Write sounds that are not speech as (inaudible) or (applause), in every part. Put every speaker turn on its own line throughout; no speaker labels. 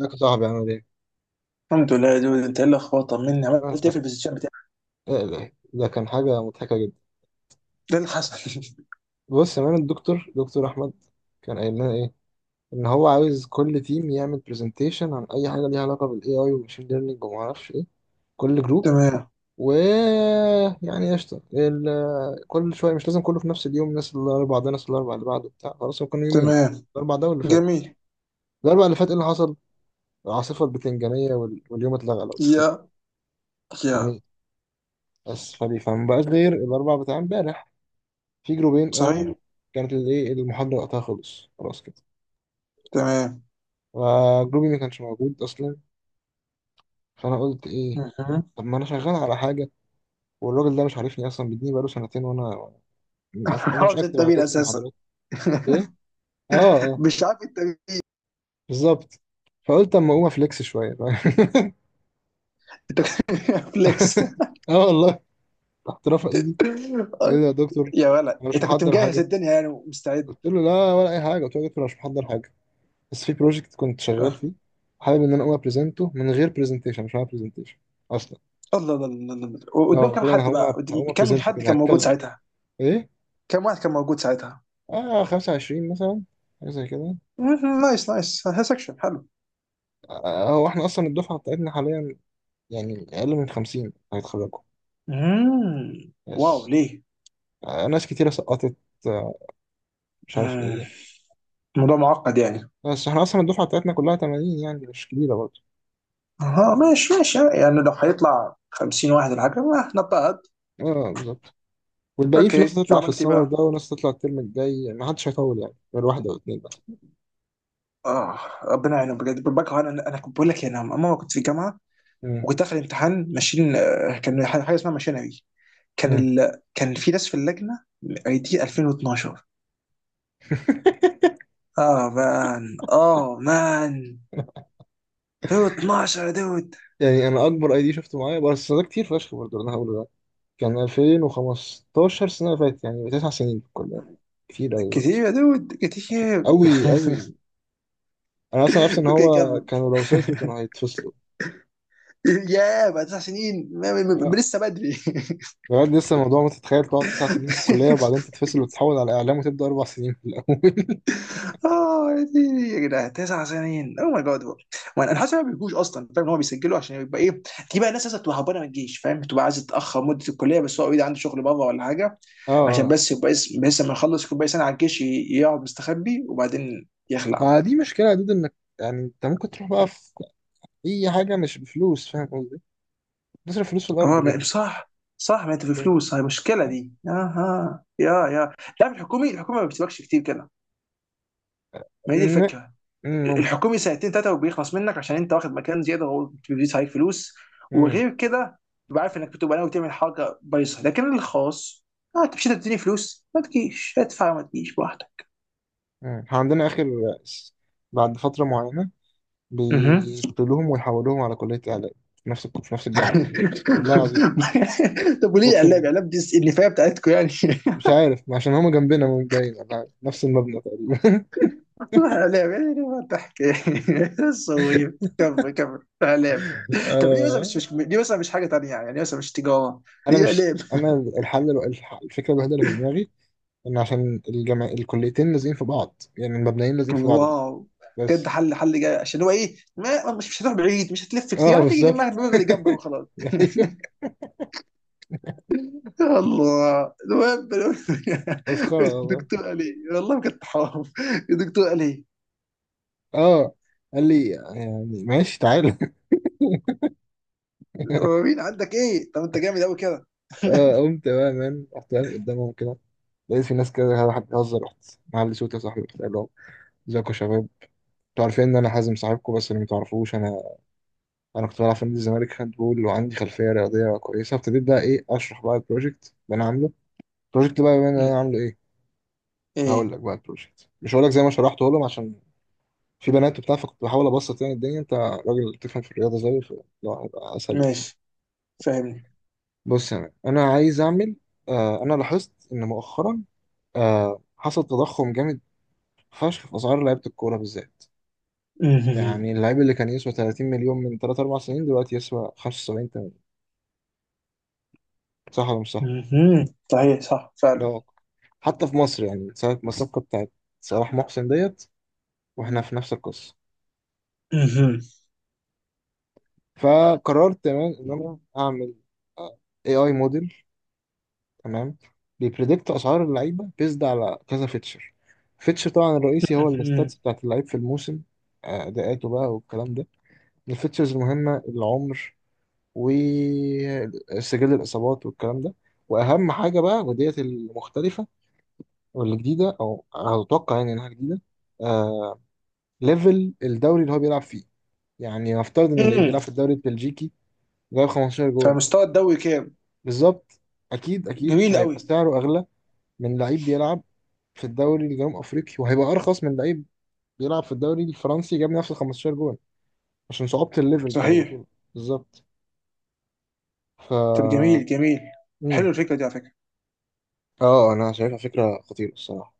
ازيك يا صاحبي؟ عامل ايه؟
الحمد لله يا دود، انت ايه الاخبار؟ طمني، عملت
انت
ايه في البوزيشن بتاعك؟
ايه ده؟ كان حاجة مضحكة جدا.
ايه اللي حصل؟ (laughs)
بص يا مان، الدكتور أحمد كان قايل لنا ايه؟ إن هو عاوز كل تيم يعمل برزنتيشن عن أي حاجة ليها علاقة بال AI والماشين ليرنينج ومعرفش ايه، كل جروب.
تمام.
و يعني قشطة كل شوية، مش لازم كله في نفس اليوم. الناس الأربع ده، ناس الأربع اللي بعده، بتاع، خلاص، هو كانوا يومين،
تمام.
الأربع ده واللي فات.
جميل.
الأربع اللي فات ايه اللي حصل؟ العاصفة البتنجانية واليوم اتلغى لو تفتكر.
يا يا
جميل. بس فبيفهم بقاش غير الأربع بتاع امبارح، في جروبين قاموا.
صحيح.
كانت الايه المحاضرة وقتها، خلص خلاص كده.
تمام.
فجروبي ما كانش موجود أصلا. فأنا قلت إيه،
مهم.
طب ما أنا شغال على حاجة، والراجل ده مش عارفني أصلا، بيديني بقاله سنتين وأنا مش
(laughs)
أنا
هو
مش
مش
أكتب على
التمرين
طول في
اساسا.
المحاضرات. إيه؟ آه آه،
مش عارف إيه التمرين.
بالظبط. فقلت أما أقوم أفليكس شوية. (laughs)
انت (laughs) فليكس.
آه والله، رحت رافع إيدي. قال لي يا دكتور،
يا ولد،
أنا مش
انت كنت
محضر
مجهز
حاجة.
الدنيا يعني ومستعد.
قلت له لا، ولا أي حاجة. قلت له يا دكتور، أنا مش محضر حاجة، بس في بروجكت كنت شغال
اه.
فيه، حابب إن أنا أقوم أبريزنته من غير برزنتيشن، مش معايا برزنتيشن اصلا.
الله الله الله الله الله.
اه
وقدام
قلت
كم
له انا
حد بقى،
هقوم
كم
ابريزنت
حد
كده،
كان موجود
هتكلم
ساعتها؟
ايه.
كم واحد كان موجود ساعتها؟
اه، 25 مثلا، حاجه زي كده.
مهم. نايس نايس. سكشن حلو.
آه، هو احنا اصلا الدفعه بتاعتنا حاليا يعني اقل من 50 هيتخرجوا.
مم. واو،
يس.
ليه؟
آه، ناس كتيره سقطت، آه، مش عارف
مم.
ايه.
الموضوع معقد يعني.
بس احنا اصلا الدفعه بتاعتنا كلها 80، يعني مش كبيره برضه.
ها، ماشي ماشي، يعني لو هيطلع 50 واحد ولا حاجه ما نضطهد.
اه بالظبط، والباقيين في ناس
اوكي،
هتطلع في
فعملت ايه
السمر
بقى؟
ده، وناس هتطلع الترم الجاي، ما حدش هيطول يعني غير واحده او اتنين بس.
اه، ربنا يعينهم بجد. بكره، انا كنت بقول لك يعني، انا ماما كنت في جامعه
مم.
وكنت داخل امتحان ماشين، كان حاجه اسمها ماشينري.
مم.
كان في ناس في اللجنه اي دي 2012.
(laughs)
اه مان. اه مان. 2012 يا دود،
يعني انا اكبر اي دي شفته معايا، بس ده كتير فشخ برضه اللي انا هقوله ده، كان 2015، سنة اللي فاتت، يعني تسع سنين في الكلية، كتير أوي برضه.
كتير يا دود، كتير.
أوي أوي. أنا أصلا عرفت إن
(laughs) اوكي،
هو
كمل.
كانوا لو سقطوا كانوا هيتفصلوا.
يا بعد تسع سنين
لا،
لسه بدري.
بجد لسه الموضوع، ما تتخيل تقعد تسع سنين في الكلية
(laughs)
وبعدين تتفصل وتتحول على إعلام وتبدأ أربع سنين في الأول.
اه يا ديني، يا جدعان تسع سنين او ماي جاد. وانا حاسس إن هو ما بيجوش اصلا، فاهم، ان هو بيسجلوا عشان يبقى ايه. دي بقى ناس لسه بتبقى هربانه من الجيش، فاهم، بتبقى عايزه تتاخر مده الكليه. بس هو اوريدي عنده شغل بره ولا حاجه،
(laughs) اه
عشان
اه.
بس يبقى اسم. بس لما يخلص يكون باقي سنه على الجيش، يقعد مستخبي وبعدين يخلع.
ما دي مشكلة يا دود، إنك يعني أنت ممكن تروح بقى في أي حاجة مش بفلوس، فاهم قصدي؟ تصرف فلوس في الأرض
اه
كده.
صح. صح، ما انت في فلوس هي المشكله
بس.
دي. اها. يا لا، في الحكومي، الحكومه ما بتسيبكش كتير كده. ما هي دي
م-
الفكره.
ممكن.
الحكومي سنتين ثلاثه وبيخلص منك، عشان انت واخد مكان زياده، وبيزيد عليك فلوس.
م-
وغير كده، تبقى عارف انك بتبقى ناوي تعمل حاجه بايظه. لكن الخاص، انت مش هتديني فلوس؟ ما تجيش ادفع، ما تجيش براحتك.
م. إحنا عندنا آخر، بعد فترة معينة
مهم.
بيقتلوهم ويحولوهم على كلية إعلام، في نفس الجامعة. والله العظيم،
(laughs) طب وليه
أقسم
اعلام؟
بالله،
اعلام دي النفايه بتاعتكم يعني.
مش عارف، عشان هما جنبنا من باين، ولا نفس المبنى تقريبا.
(laughs) اعلام يعني، ما تحكي. (laughs) صغير، كمل كمل اعلام.
(laughs)
طب ليه مثلا مش
آه.
مش ليه مثلا مش حاجه تانيه يعني؟ ليه مثلا مش تجاره؟
أنا
ليه
مش
اعلام؟
أنا الحل، الفكرة الوحيدة اللي في دماغي إن عشان الجامع الكليتين لازقين في بعض، يعني المبنيين لازقين في بعض بس.
واو. بجد،
بس.
حل، حل جاي. عشان هو ايه، ما مش هتروح بعيد، مش هتلف
أه
كتير، هتيجي
بالظبط.
جنبها، الباب اللي جنبك وخلاص.
(laughs) أيوه.
يا الله، المهم.
مسخرة
(laughs)
والله.
الدكتور قال ايه؟ والله بجد حرام. الدكتور قال ايه؟
أه. قال لي يعني ماشي تعالى. (laughs)
هو مين عندك ايه؟ طب انت جامد قوي كده.
أه قمت بقى مان، رحت واقف قدامهم كده، لقيت في ناس كده، واحد بيهزر. رحت معلي صوتي يا صاحبي، رحت قال لهم ازيكم يا شباب، انتوا عارفين ان انا حازم صاحبكم، بس اللي متعرفوش، انا انا كنت بلعب في نادي الزمالك هاند بول، وعندي خلفيه رياضيه كويسه. ابتديت بقى ايه، اشرح بقى البروجكت اللي انا عامله. البروجكت بقى اللي انا
مم.
عامله ايه، هقول
ايه.
لك بقى البروجكت، مش هقول لك زي ما شرحته لهم، عشان في بنات وبتاع، فكنت بحاول ابسط يعني الدنيا. انت راجل تفهم في الرياضه زيي، فلا، هيبقى اسهل بكتير.
ماشي، فاهمني.
بص يعني انا عايز اعمل، آه، انا لاحظت ان مؤخرا، آه، حصل تضخم جامد فشخ في اسعار لعيبه الكوره بالذات.
مهم.
يعني اللعيب اللي كان يسوى 30 مليون من 3 4 سنين، دلوقتي يسوى 75، صح ولا مش صح؟
مهم. صحيح، صح
ده
فعلا.
واقع حتى في مصر، يعني ساعة ما الصفقة بتاعت صلاح محسن ديت، واحنا في نفس القصة.
مهم.
فقررت تمام ان انا اعمل اي موديل، تمام، بيبريدكت اسعار اللعيبة، بيزد على كذا فيتشر. فيتشر طبعا الرئيسي هو
مهم.
الستاتس بتاعت اللعيب في الموسم، آه، اداءاته بقى والكلام ده. من الفيتشرز المهمة العمر، وسجل الاصابات والكلام ده. واهم حاجة بقى وديت المختلفة والجديدة، او هتوقع يعني انها جديدة، آه، ليفل الدوري اللي هو بيلعب فيه. يعني نفترض ان اللعيب
مم.
بيلعب في الدوري البلجيكي، جايب 15 جول،
فمستوى الدوري كام؟
بالظبط، اكيد اكيد
جميل
هيبقى
قوي.
سعره اغلى من لعيب بيلعب في الدوري الجنوب افريقي، وهيبقى ارخص من لعيب بيلعب في الدوري الفرنسي جاب نفس ال 15 جول، عشان صعوبة الليفل بتاع
صحيح.
البطولة. بالظبط. ف
طب جميل جميل.
مم.
حلو الفكره دي على فكره.
اه انا شايفها فكرة خطيرة الصراحة.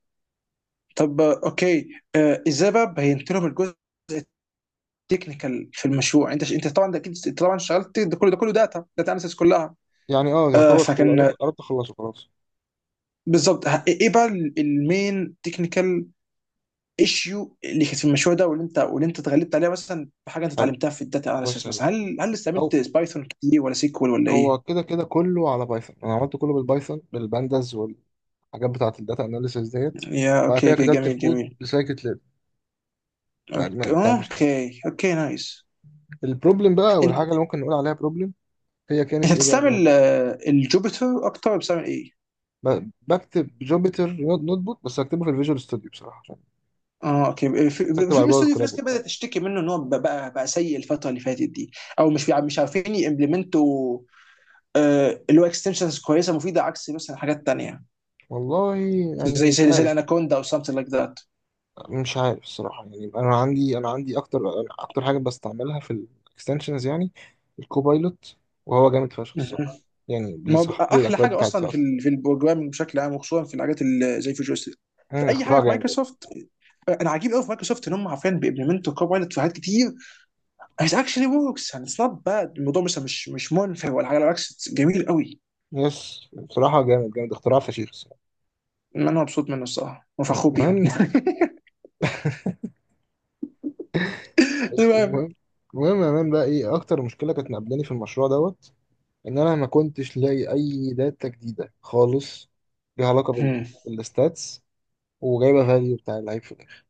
طب، اوكي. ازاي بقى بينت لهم الجزء التكنيكال في المشروع؟ انت طبعا ده اكيد، انت طبعا اشتغلت ده كله، ده كله داتا، داتا اناليسيس كلها.
يعني اه يعتبر
فكان
قربت اخلصه خلاص.
بالظبط. ايه بقى المين تكنيكال ايشيو اللي كانت في المشروع ده، واللي انت، واللي انت اتغلبت عليها مثلا بحاجه انت
حلو.
اتعلمتها في الداتا
بص
اناليسيس
يا دود.
مثلا؟ هل
او،
استعملت بايثون كتير ولا سيكوال ولا ايه؟
هو كده كده كله على بايثون. انا عملت كله بالبايثون بالبانداز، الحاجات بتاعة الداتا اناليسيس ديت.
يا
وبعد
اوكي
كده
اوكي،
كتبت
جميل
الكود
جميل.
بسايكت ليرن، بتاع
اوكي
بتاع الماشين.
اوكي، أوكي نايس.
البروبلم بقى، والحاجة
انت
اللي ممكن نقول عليها بروبلم، هي
انت
كانت ايه بقى.
بتستعمل الجوبيتر اكتر، ولا بتستعمل ايه؟
بكتب جوبيتر نوت بوك، بس اكتبه في الفيجوال ستوديو بصراحة، عشان
اه اوكي. في،
بكتب على
في
جوجل
استوديو في
كولاب
ناس كده بدات
وبتاع.
تشتكي منه، ان هو بقى سيء الفتره اللي فاتت دي. او مش عارفين يمبلمنتوا اللي هو اكستنشنز كويسه مفيده، عكس مثلا حاجات تانيه.
والله
زي
يعني مش
زي زي
عارف.
الاناكوندا او something like that.
مش عارف الصراحة، يعني انا عندي اكتر حاجة بستعملها في الاكستنشنز يعني الكوبايلوت، وهو جامد فشخ
مهم.
الصراحة. يعني
ما هو
بيصحح
بقى
لي
احلى
الاكواد
حاجه
بتاعتي
اصلا في
اصلا.
ال، في البروجرامنج بشكل عام، وخصوصا في الحاجات اللي زي فيجوال ستوديو، في
مم،
اي حاجه
اختراع
في
جامد.
مايكروسوفت. انا عجيب قوي في مايكروسوفت، ان هم عارفين بيمبلمنتوا كوبايلوت في حاجات كتير. اتس اكشلي وركس يعني، اتس نوت باد. الموضوع مثلا مش منفر ولا حاجه، بالعكس it's جميل قوي.
يس بصراحة، جامد جامد، اختراع فشيخ.
ما انا مبسوط منه الصراحه وفخور بيهم.
المهم.
المهم.
المهم. المهم يا مان بقى، ايه اكتر مشكله كانت مقابلاني في المشروع دوت، ان انا ما كنتش لاقي اي داتا جديده خالص، ليها علاقه
هم. (laughs)
بالستاتس وجايبه فاليو بتاع اللعيب في الاخر.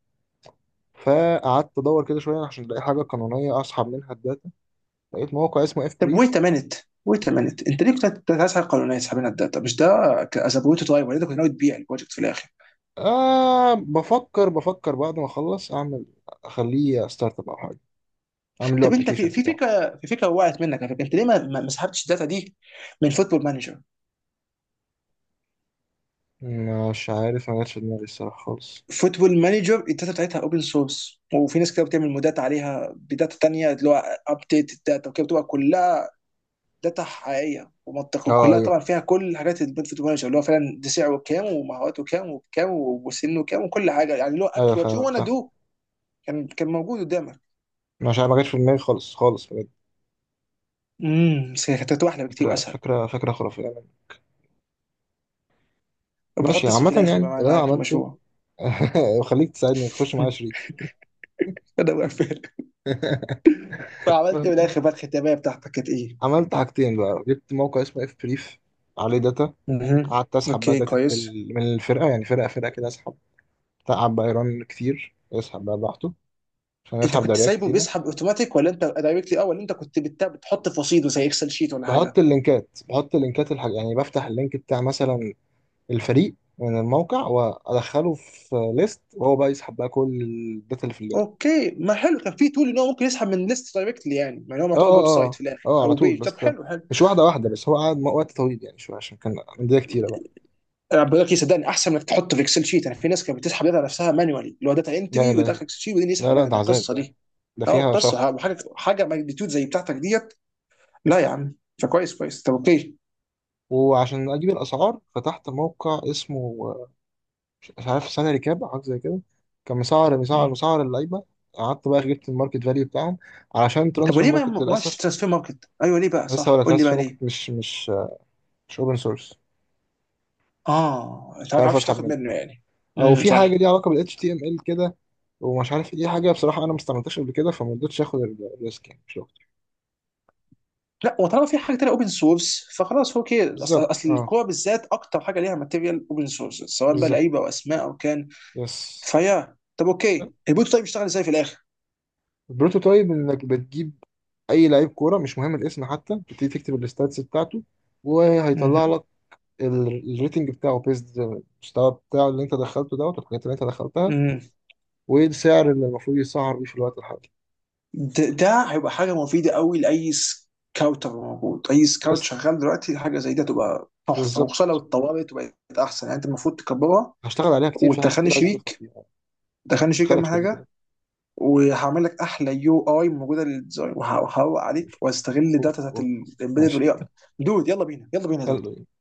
فقعدت ادور كده شويه عشان الاقي حاجه قانونيه اسحب منها الداتا. لقيت موقع اسمه اف
طب
بريف.
ويت مينت. ويت مينت انت ليه كنت عايز حاجه قانونيه تسحب لنا الداتا؟ مش ده ازابويت درايفر؟ انت كنت ناوي تبيع البروجكت في الاخر؟
آه بفكر بعد ما اخلص اعمل، اخليه ستارت اب او حاجه، اعمل له
طب انت
ابلكيشن
في، في
بتاعه.
فكره في فكره وقعت منك على فكره، انت ليه ما سحبتش الداتا دي من فوتبول مانجر؟
مش عارف، ما جاتش في دماغي الصراحه خالص.
فوتبول مانجر الداتا بتاعتها اوبن سورس، وفي ناس كده بتعمل مودات عليها بداتا تانية، اللي هو ابديت الداتا وكده، بتبقى كلها داتا حقيقيه ومنطقيه،
اه
وكلها
ايوه،
طبعا فيها كل حاجات البنفيت مانجر، اللي هو فعلا ده سعره كام ومهاراته كام وبكام وسنه كام وكل حاجه يعني، اللي هو
ايوه
اكشن وات يو
فعلا
وانا
صح.
دو. كان موجود قدامك.
مش عارف، ما جاتش في دماغي خالص خالص بجد.
امم، بس كانت هتبقى احلى بكتير
فكرة
واسهل.
فكرة فكرة خرافية يعني.
وبحط
ماشي،
اسمي
عامة
في الاخر
يعني
بقى
اللي أنا
معاك في
عملته.
المشروع.
(laughs) خليك تساعدني تخش معايا
(laughs)
شريك.
ده بقفل. فعملت إيه في الاخر بقى؟ الختاميه بتاعتك كانت ايه؟
عملت حاجتين بقى، جبت موقع اسمه اف بريف عليه داتا.
مهم.
قعدت اسحب بقى
اوكي، كويس.
من الفرقة، يعني فرقة فرقة كده اسحب. تعب بقى، يرن كتير، يسحب بقى براحته عشان
انت
يسحب
كنت
دوريات
سايبه
كتيرة.
بيسحب اوتوماتيك، ولا انت دايركتلي، اه، ولا انت كنت بتحط في رصيد زي اكسل شيت ولا
بحط
حاجه؟
اللينكات بحط اللينكات يعني بفتح اللينك بتاع مثلا الفريق من الموقع، وادخله في ليست، وهو بقى يسحب بقى كل الداتا اللي في اللينك.
اوكي، ما حلو. كان في تول ان هو ممكن يسحب من ليست دايركتلي يعني، يعني هو
اه
معتبر ويب سايت في
اه اه
الاخر
اه، على
او
طول
بيج. طب
بس،
حلو حلو.
مش واحدة واحدة بس. هو قعد وقت طويل يعني شوية، عشان كان أندية كتيرة بقى.
انا بقول لك صدقني، احسن انك تحطه في اكسل شيت. يعني في ناس كانت بتسحب داتا نفسها مانوالي، اللي هو داتا
لا
انتري، ويدخل
إلهي،
اكسل شيت وبعدين
لا
يسحب
لا
منها،
ده
ده
عذاب،
قصه
ده
دي.
ده
اه
فيها شهر.
قصه، حاجه ماجنتيود زي بتاعتك ديت. لا يا عم. فكويس كويس. طب اوكي.
وعشان أجيب الأسعار فتحت موقع اسمه، آه، مش عارف سنة ريكاب أو حاجة زي كده. كان مسعر مسعر
مم.
مسعر اللعيبة. قعدت بقى جبت الماركت فاليو بتاعهم، علشان
طب
ترانسفير
وليه ما
ماركت
ما
للأسف.
ماشي ترانسفير ماركت، ايوه، ليه بقى؟
لسه،
صح،
ولا
قول لي بقى
ترانسفير ماركت
ليه.
مش آه، مش أوبن سورس.
اه، انت
مش
عارف
عارف
عارفش
أسحب
تاخد
منه،
منه يعني.
أو
امم،
في حاجة
صح.
ليها علاقة بال HTML كده، ومش عارف إيه حاجة بصراحة. أنا ما استعملتهاش قبل كده فما رضيتش آخد الريسك يعني.
لا، وطالما في حاجه تانية اوبن سورس، فخلاص. هو كده اصل،
بالظبط،
اصل
اه
الكوره بالذات اكتر حاجه ليها ماتيريال اوبن سورس، سواء بقى
بالظبط.
لعيبه او اسماء او كان.
يس.
فيا، طب اوكي. البوت طيب يشتغل ازاي في الاخر؟
البروتوتايب انك بتجيب اي لعيب كوره، مش مهم الاسم حتى، بتبتدي تكتب الستاتس بتاعته وهيطلع
مهم.
لك الريتنج بتاعه، بيست المستوى بتاعه اللي انت دخلته دوت، والحاجات اللي انت دخلتها،
مم.
والسعر اللي المفروض يسعر بيه في الوقت الحالي.
ده هيبقى حاجه مفيده قوي لاي سكاوتر موجود. اي سكاوت
بس.
شغال دلوقتي حاجه زي ده تبقى تحفه، وخصوصا لو
بالظبط.
اتطورت وبقت احسن. يعني انت المفروض تكبرها
هشتغل عليها كتير، في حاجات
وتدخلني
كتير عايز اضيفها
شريك.
فيها.
دخلني شريك
خلك
اهم
شديد كده.
حاجه. وهعمل لك احلى يو اي موجوده للديزاين وهروق عليك، واستغل
اوف
الداتا بتاعت
اوف أوف.
الامبيدد
ماشي.
والاي اي. دود، يلا بينا يلا بينا
(laughs)
يا دود.
يلا